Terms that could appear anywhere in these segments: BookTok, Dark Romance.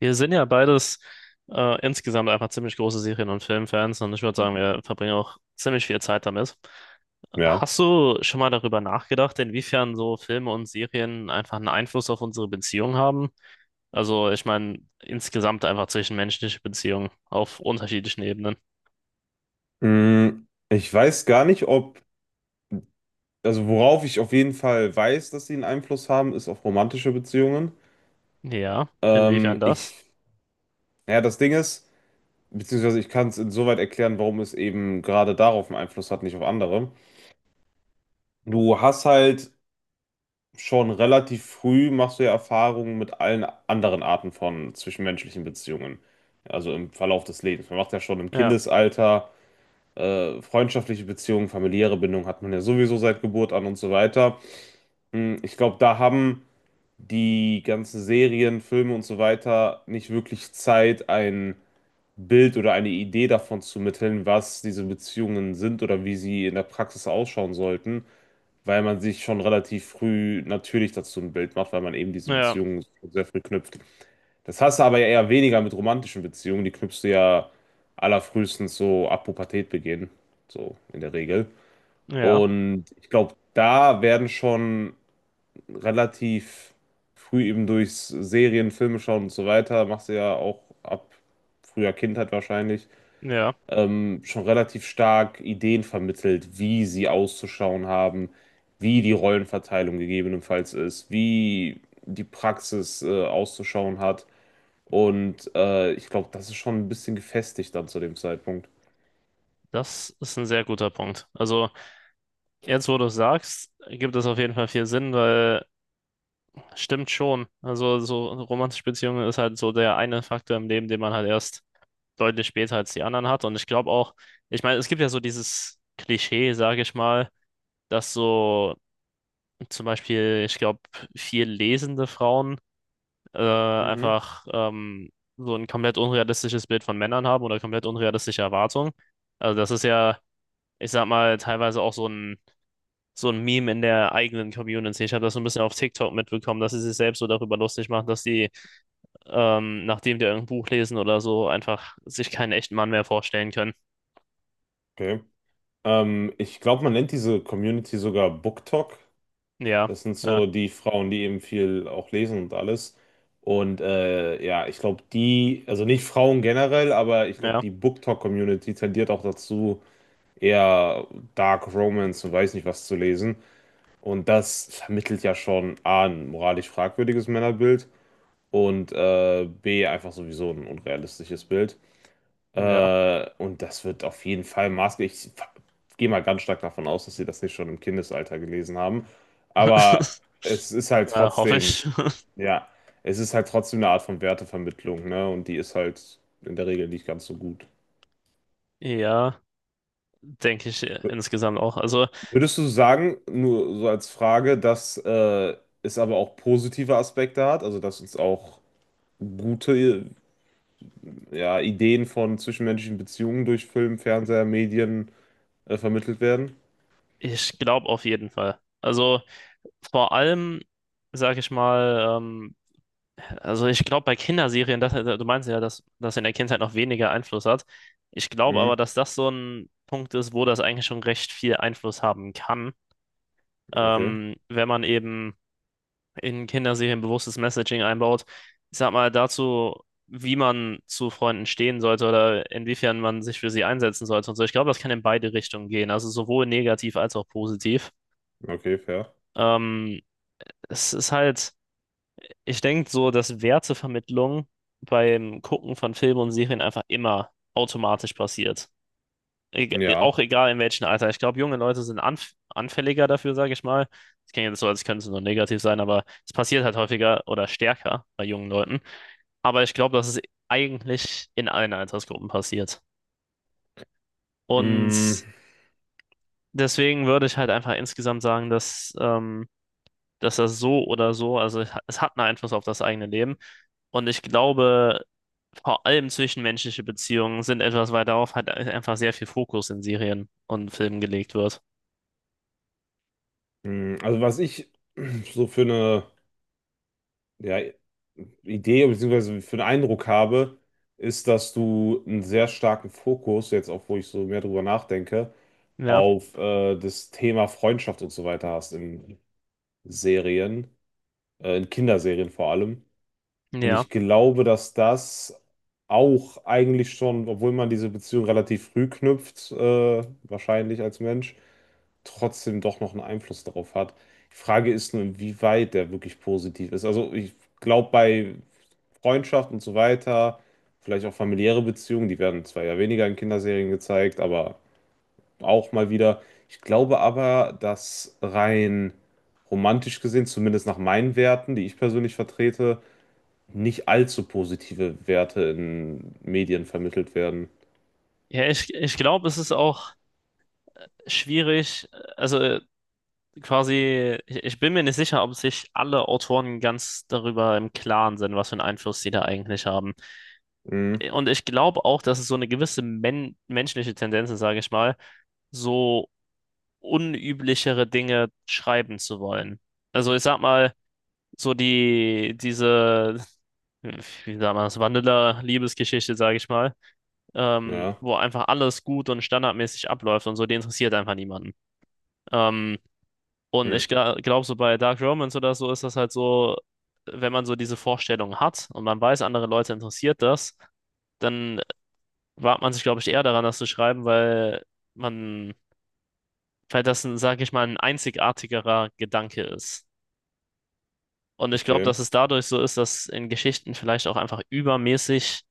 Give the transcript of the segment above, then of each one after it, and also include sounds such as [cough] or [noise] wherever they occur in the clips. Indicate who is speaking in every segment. Speaker 1: Wir sind ja beides insgesamt einfach ziemlich große Serien- und Filmfans und ich würde sagen, wir verbringen auch ziemlich viel Zeit damit.
Speaker 2: Ja.
Speaker 1: Hast du schon mal darüber nachgedacht, inwiefern so Filme und Serien einfach einen Einfluss auf unsere Beziehung haben? Also, ich meine, insgesamt einfach zwischenmenschliche Beziehungen auf unterschiedlichen Ebenen.
Speaker 2: Ich weiß gar nicht, ob, also worauf ich auf jeden Fall weiß, dass sie einen Einfluss haben, ist auf romantische Beziehungen.
Speaker 1: Ja, inwiefern das?
Speaker 2: Ich, ja, das Ding ist, beziehungsweise ich kann es insoweit erklären, warum es eben gerade darauf einen Einfluss hat, nicht auf andere. Du hast halt schon relativ früh machst du ja Erfahrungen mit allen anderen Arten von zwischenmenschlichen Beziehungen. Also im Verlauf des Lebens. Man macht ja schon im
Speaker 1: Ja,
Speaker 2: Kindesalter freundschaftliche Beziehungen, familiäre Bindungen hat man ja sowieso seit Geburt an und so weiter. Ich glaube, da haben die ganzen Serien, Filme und so weiter nicht wirklich Zeit, ein Bild oder eine Idee davon zu mitteln, was diese Beziehungen sind oder wie sie in der Praxis ausschauen sollten, weil man sich schon relativ früh natürlich dazu ein Bild macht, weil man eben diese
Speaker 1: ja,
Speaker 2: Beziehungen sehr früh knüpft. Das hast du aber ja eher weniger mit romantischen Beziehungen, die knüpfst du ja allerfrühestens so ab Pubertät begehen, so in der Regel.
Speaker 1: ja,
Speaker 2: Und ich glaube, da werden schon relativ früh eben durch Serien, Filme schauen und so weiter, machst du ja auch ab früher Kindheit wahrscheinlich,
Speaker 1: ja.
Speaker 2: schon relativ stark Ideen vermittelt, wie sie auszuschauen haben, wie die Rollenverteilung gegebenenfalls ist, wie die Praxis auszuschauen hat. Und ich glaube, das ist schon ein bisschen gefestigt dann zu dem Zeitpunkt.
Speaker 1: Das ist ein sehr guter Punkt. Also, jetzt, wo du es sagst, gibt es auf jeden Fall viel Sinn, weil stimmt schon. Also so romantische Beziehungen ist halt so der eine Faktor im Leben, den man halt erst deutlich später als die anderen hat. Und ich glaube auch, ich meine, es gibt ja so dieses Klischee, sage ich mal, dass so zum Beispiel, ich glaube, viel lesende Frauen
Speaker 2: Mhm.
Speaker 1: einfach so ein komplett unrealistisches Bild von Männern haben oder komplett unrealistische Erwartungen. Also das ist ja, ich sag mal, teilweise auch so ein Meme in der eigenen Community. Ich habe das so ein bisschen auf TikTok mitbekommen, dass sie sich selbst so darüber lustig machen, dass die nachdem die irgendein Buch lesen oder so, einfach sich keinen echten Mann mehr vorstellen können.
Speaker 2: Okay. Ich glaube, man nennt diese Community sogar BookTok.
Speaker 1: Ja,
Speaker 2: Das sind
Speaker 1: ja,
Speaker 2: so die Frauen, die eben viel auch lesen und alles. Und ja, ich glaube, die, also nicht Frauen generell, aber ich glaube,
Speaker 1: ja,
Speaker 2: die BookTok-Community tendiert auch dazu, eher Dark Romance und weiß nicht was zu lesen. Und das vermittelt ja schon A, ein moralisch fragwürdiges Männerbild und B, einfach sowieso ein unrealistisches Bild.
Speaker 1: ja.
Speaker 2: Und das wird auf jeden Fall maßgeblich. Gehe mal ganz stark davon aus, dass sie das nicht schon im Kindesalter gelesen haben. Aber
Speaker 1: [laughs]
Speaker 2: es ist halt
Speaker 1: Ja, hoffe
Speaker 2: trotzdem,
Speaker 1: ich. [laughs]
Speaker 2: ja, es ist halt trotzdem eine Art von Wertevermittlung, ne? Und die ist halt in der Regel nicht ganz so gut.
Speaker 1: Ja, denke ich insgesamt auch. Also,
Speaker 2: Würdest du sagen, nur so als Frage, dass es aber auch positive Aspekte hat, also dass uns auch gute, ja, Ideen von zwischenmenschlichen Beziehungen durch Film, Fernseher, Medien vermittelt werden?
Speaker 1: ich glaube auf jeden Fall. Also, vor allem, sage ich mal, also ich glaube bei Kinderserien, das, du meinst ja, dass das in der Kindheit noch weniger Einfluss hat. Ich glaube
Speaker 2: Mhm.
Speaker 1: aber, dass das so ein Punkt ist, wo das eigentlich schon recht viel Einfluss haben kann,
Speaker 2: Okay,
Speaker 1: wenn man eben in Kinderserien bewusstes Messaging einbaut. Ich sag mal dazu, wie man zu Freunden stehen sollte oder inwiefern man sich für sie einsetzen sollte und so. Ich glaube, das kann in beide Richtungen gehen, also sowohl negativ als auch positiv.
Speaker 2: okay, fair.
Speaker 1: Ähm, es ist halt, ich denke so, dass Wertevermittlung beim Gucken von Filmen und Serien einfach immer automatisch passiert.
Speaker 2: Ja.
Speaker 1: Auch egal in welchem Alter. Ich glaube, junge Leute sind anfälliger dafür, sage ich mal. Das klingt jetzt so, als könnte es nur negativ sein, aber es passiert halt häufiger oder stärker bei jungen Leuten. Aber ich glaube, dass es eigentlich in allen Altersgruppen passiert.
Speaker 2: Mm,
Speaker 1: Und deswegen würde ich halt einfach insgesamt sagen, dass, dass das so oder so, also es hat einen Einfluss auf das eigene Leben. Und ich glaube, vor allem zwischenmenschliche Beziehungen sind etwas, weil darauf halt einfach sehr viel Fokus in Serien und Filmen gelegt wird.
Speaker 2: also was ich so für eine, ja, Idee, bzw. für einen Eindruck habe, ist, dass du einen sehr starken Fokus, jetzt auch wo ich so mehr drüber nachdenke,
Speaker 1: Ja.
Speaker 2: auf das Thema Freundschaft und so weiter hast in Serien, in Kinderserien vor allem. Und
Speaker 1: Ja,
Speaker 2: ich glaube, dass das auch eigentlich schon, obwohl man diese Beziehung relativ früh knüpft, wahrscheinlich als Mensch, trotzdem doch noch einen Einfluss darauf hat. Die Frage ist nur, inwieweit der wirklich positiv ist. Also ich glaube, bei Freundschaft und so weiter, vielleicht auch familiäre Beziehungen, die werden zwar ja weniger in Kinderserien gezeigt, aber auch mal wieder. Ich glaube aber, dass rein romantisch gesehen, zumindest nach meinen Werten, die ich persönlich vertrete, nicht allzu positive Werte in Medien vermittelt werden.
Speaker 1: ja, ich glaube, es ist auch schwierig, also quasi, ich bin mir nicht sicher, ob sich alle Autoren ganz darüber im Klaren sind, was für einen Einfluss sie da eigentlich haben.
Speaker 2: Hm,
Speaker 1: Und ich glaube auch, dass es so eine gewisse menschliche Tendenz ist, sage ich mal, so unüblichere Dinge schreiben zu wollen. Also ich sag mal, so wie sagt man das, Vanilla-Liebesgeschichte, sage ich mal,
Speaker 2: ja,
Speaker 1: wo einfach alles gut und standardmäßig abläuft und so, die interessiert einfach niemanden. Ähm, und ich
Speaker 2: hm,
Speaker 1: glaube, so bei Dark Romance oder so ist das halt so, wenn man so diese Vorstellung hat und man weiß, andere Leute interessiert das, dann wagt man sich, glaube ich, eher daran, das zu schreiben, weil man, weil das, ein, sag ich mal, ein einzigartigerer Gedanke ist. Und ich glaube,
Speaker 2: okay.
Speaker 1: dass es dadurch so ist, dass in Geschichten vielleicht auch einfach übermäßig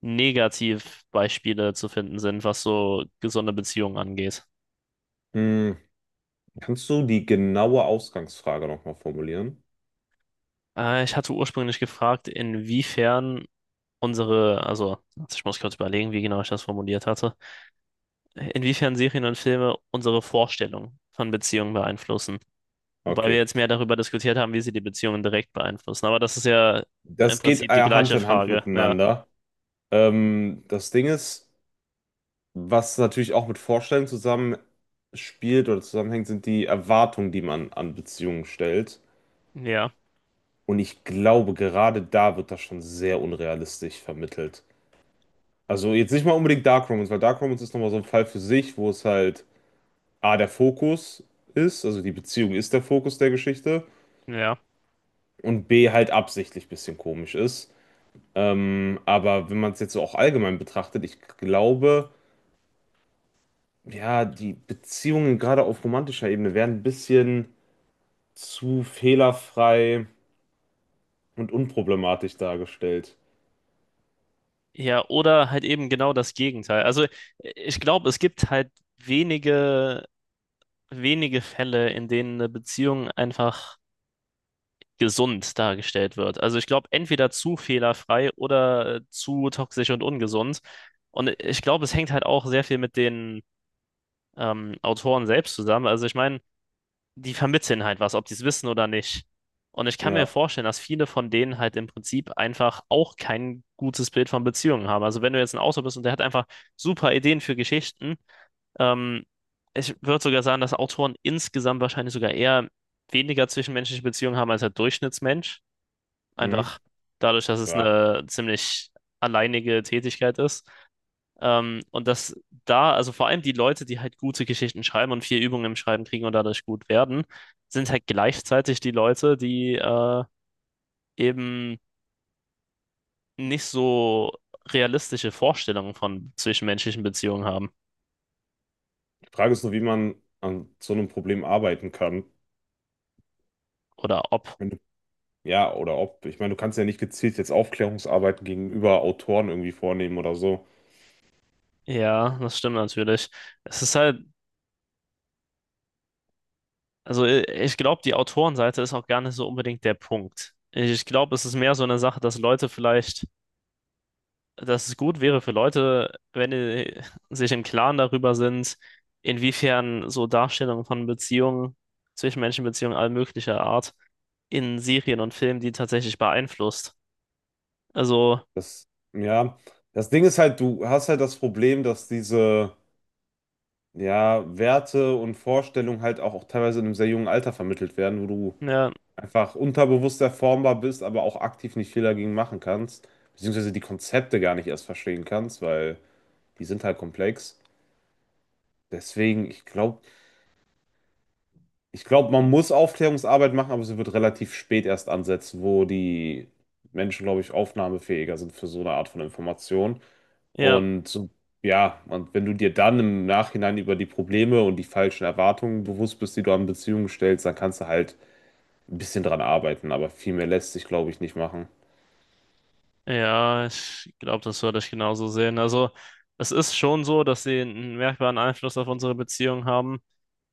Speaker 1: Negativbeispiele zu finden sind, was so gesunde Beziehungen angeht.
Speaker 2: Hm, kannst du die genaue Ausgangsfrage nochmal formulieren?
Speaker 1: Ich hatte ursprünglich gefragt, inwiefern unsere, also ich muss kurz überlegen, wie genau ich das formuliert hatte, inwiefern Serien und Filme unsere Vorstellung von Beziehungen beeinflussen. Wobei wir
Speaker 2: Okay.
Speaker 1: jetzt mehr darüber diskutiert haben, wie sie die Beziehungen direkt beeinflussen. Aber das ist ja im
Speaker 2: Das geht
Speaker 1: Prinzip die
Speaker 2: Hand
Speaker 1: gleiche
Speaker 2: in Hand
Speaker 1: Frage. Ja,
Speaker 2: miteinander. Das Ding ist, was natürlich auch mit Vorstellungen zusammen spielt oder zusammenhängt, sind die Erwartungen, die man an Beziehungen stellt.
Speaker 1: ja,
Speaker 2: Und ich glaube, gerade da wird das schon sehr unrealistisch vermittelt. Also jetzt nicht mal unbedingt Dark Romance, weil Dark Romance ist nochmal so ein Fall für sich, wo es halt A, der Fokus ist, also die Beziehung ist der Fokus der Geschichte
Speaker 1: ja.
Speaker 2: und B, halt absichtlich ein bisschen komisch ist. Aber wenn man es jetzt so auch allgemein betrachtet, ich glaube, ja, die Beziehungen gerade auf romantischer Ebene werden ein bisschen zu fehlerfrei und unproblematisch dargestellt.
Speaker 1: Ja, oder halt eben genau das Gegenteil. Also ich glaube, es gibt halt wenige, wenige Fälle, in denen eine Beziehung einfach gesund dargestellt wird. Also ich glaube, entweder zu fehlerfrei oder zu toxisch und ungesund. Und ich glaube, es hängt halt auch sehr viel mit den Autoren selbst zusammen. Also ich meine, die vermitteln halt was, ob die es wissen oder nicht. Und ich kann mir
Speaker 2: Ja,
Speaker 1: vorstellen, dass viele von denen halt im Prinzip einfach auch kein gutes Bild von Beziehungen haben. Also wenn du jetzt ein Autor bist und der hat einfach super Ideen für Geschichten, ähm, ich würde sogar sagen, dass Autoren insgesamt wahrscheinlich sogar eher weniger zwischenmenschliche Beziehungen haben als der Durchschnittsmensch.
Speaker 2: mhm.
Speaker 1: Einfach dadurch, dass es
Speaker 2: Ja.
Speaker 1: eine ziemlich alleinige Tätigkeit ist. Und dass da, also vor allem die Leute, die halt gute Geschichten schreiben und viel Übung im Schreiben kriegen und dadurch gut werden, sind halt gleichzeitig die Leute, die eben nicht so realistische Vorstellungen von zwischenmenschlichen Beziehungen haben.
Speaker 2: Die Frage ist nur, wie man an so einem Problem arbeiten kann.
Speaker 1: Oder ob.
Speaker 2: Wenn du, ja, oder ob. Ich meine, du kannst ja nicht gezielt jetzt Aufklärungsarbeiten gegenüber Autoren irgendwie vornehmen oder so.
Speaker 1: Ja, das stimmt natürlich. Es ist halt, also ich glaube, die Autorenseite ist auch gar nicht so unbedingt der Punkt. Ich glaube, es ist mehr so eine Sache, dass Leute vielleicht dass es gut wäre für Leute, wenn die sich im Klaren darüber sind, inwiefern so Darstellungen von Beziehungen, Zwischenmenschenbeziehungen all möglicher Art in Serien und Filmen die tatsächlich beeinflusst. Also,
Speaker 2: Das, ja. Das Ding ist halt, du hast halt das Problem, dass diese, ja, Werte und Vorstellungen halt auch, auch teilweise in einem sehr jungen Alter vermittelt werden, wo du
Speaker 1: ja,
Speaker 2: einfach unterbewusst erformbar bist, aber auch aktiv nicht viel dagegen machen kannst, beziehungsweise die Konzepte gar nicht erst verstehen kannst, weil die sind halt komplex. Deswegen, ich glaube, man muss Aufklärungsarbeit machen, aber sie wird relativ spät erst ansetzen, wo die Menschen, glaube ich, aufnahmefähiger sind für so eine Art von Information.
Speaker 1: ja,
Speaker 2: Und so- ja, und wenn du dir dann im Nachhinein über die Probleme und die falschen Erwartungen bewusst bist, die du an Beziehungen stellst, dann kannst du halt ein bisschen dran arbeiten, aber viel mehr lässt sich, glaube ich, nicht machen.
Speaker 1: ja, ich glaube, das würde ich genauso sehen. Also, es ist schon so, dass sie einen merkbaren Einfluss auf unsere Beziehung haben,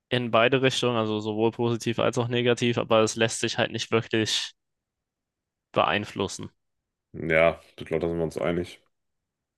Speaker 1: in beide Richtungen, also sowohl positiv als auch negativ, aber es lässt sich halt nicht wirklich beeinflussen.
Speaker 2: Ja, ich glaube, da sind wir uns einig.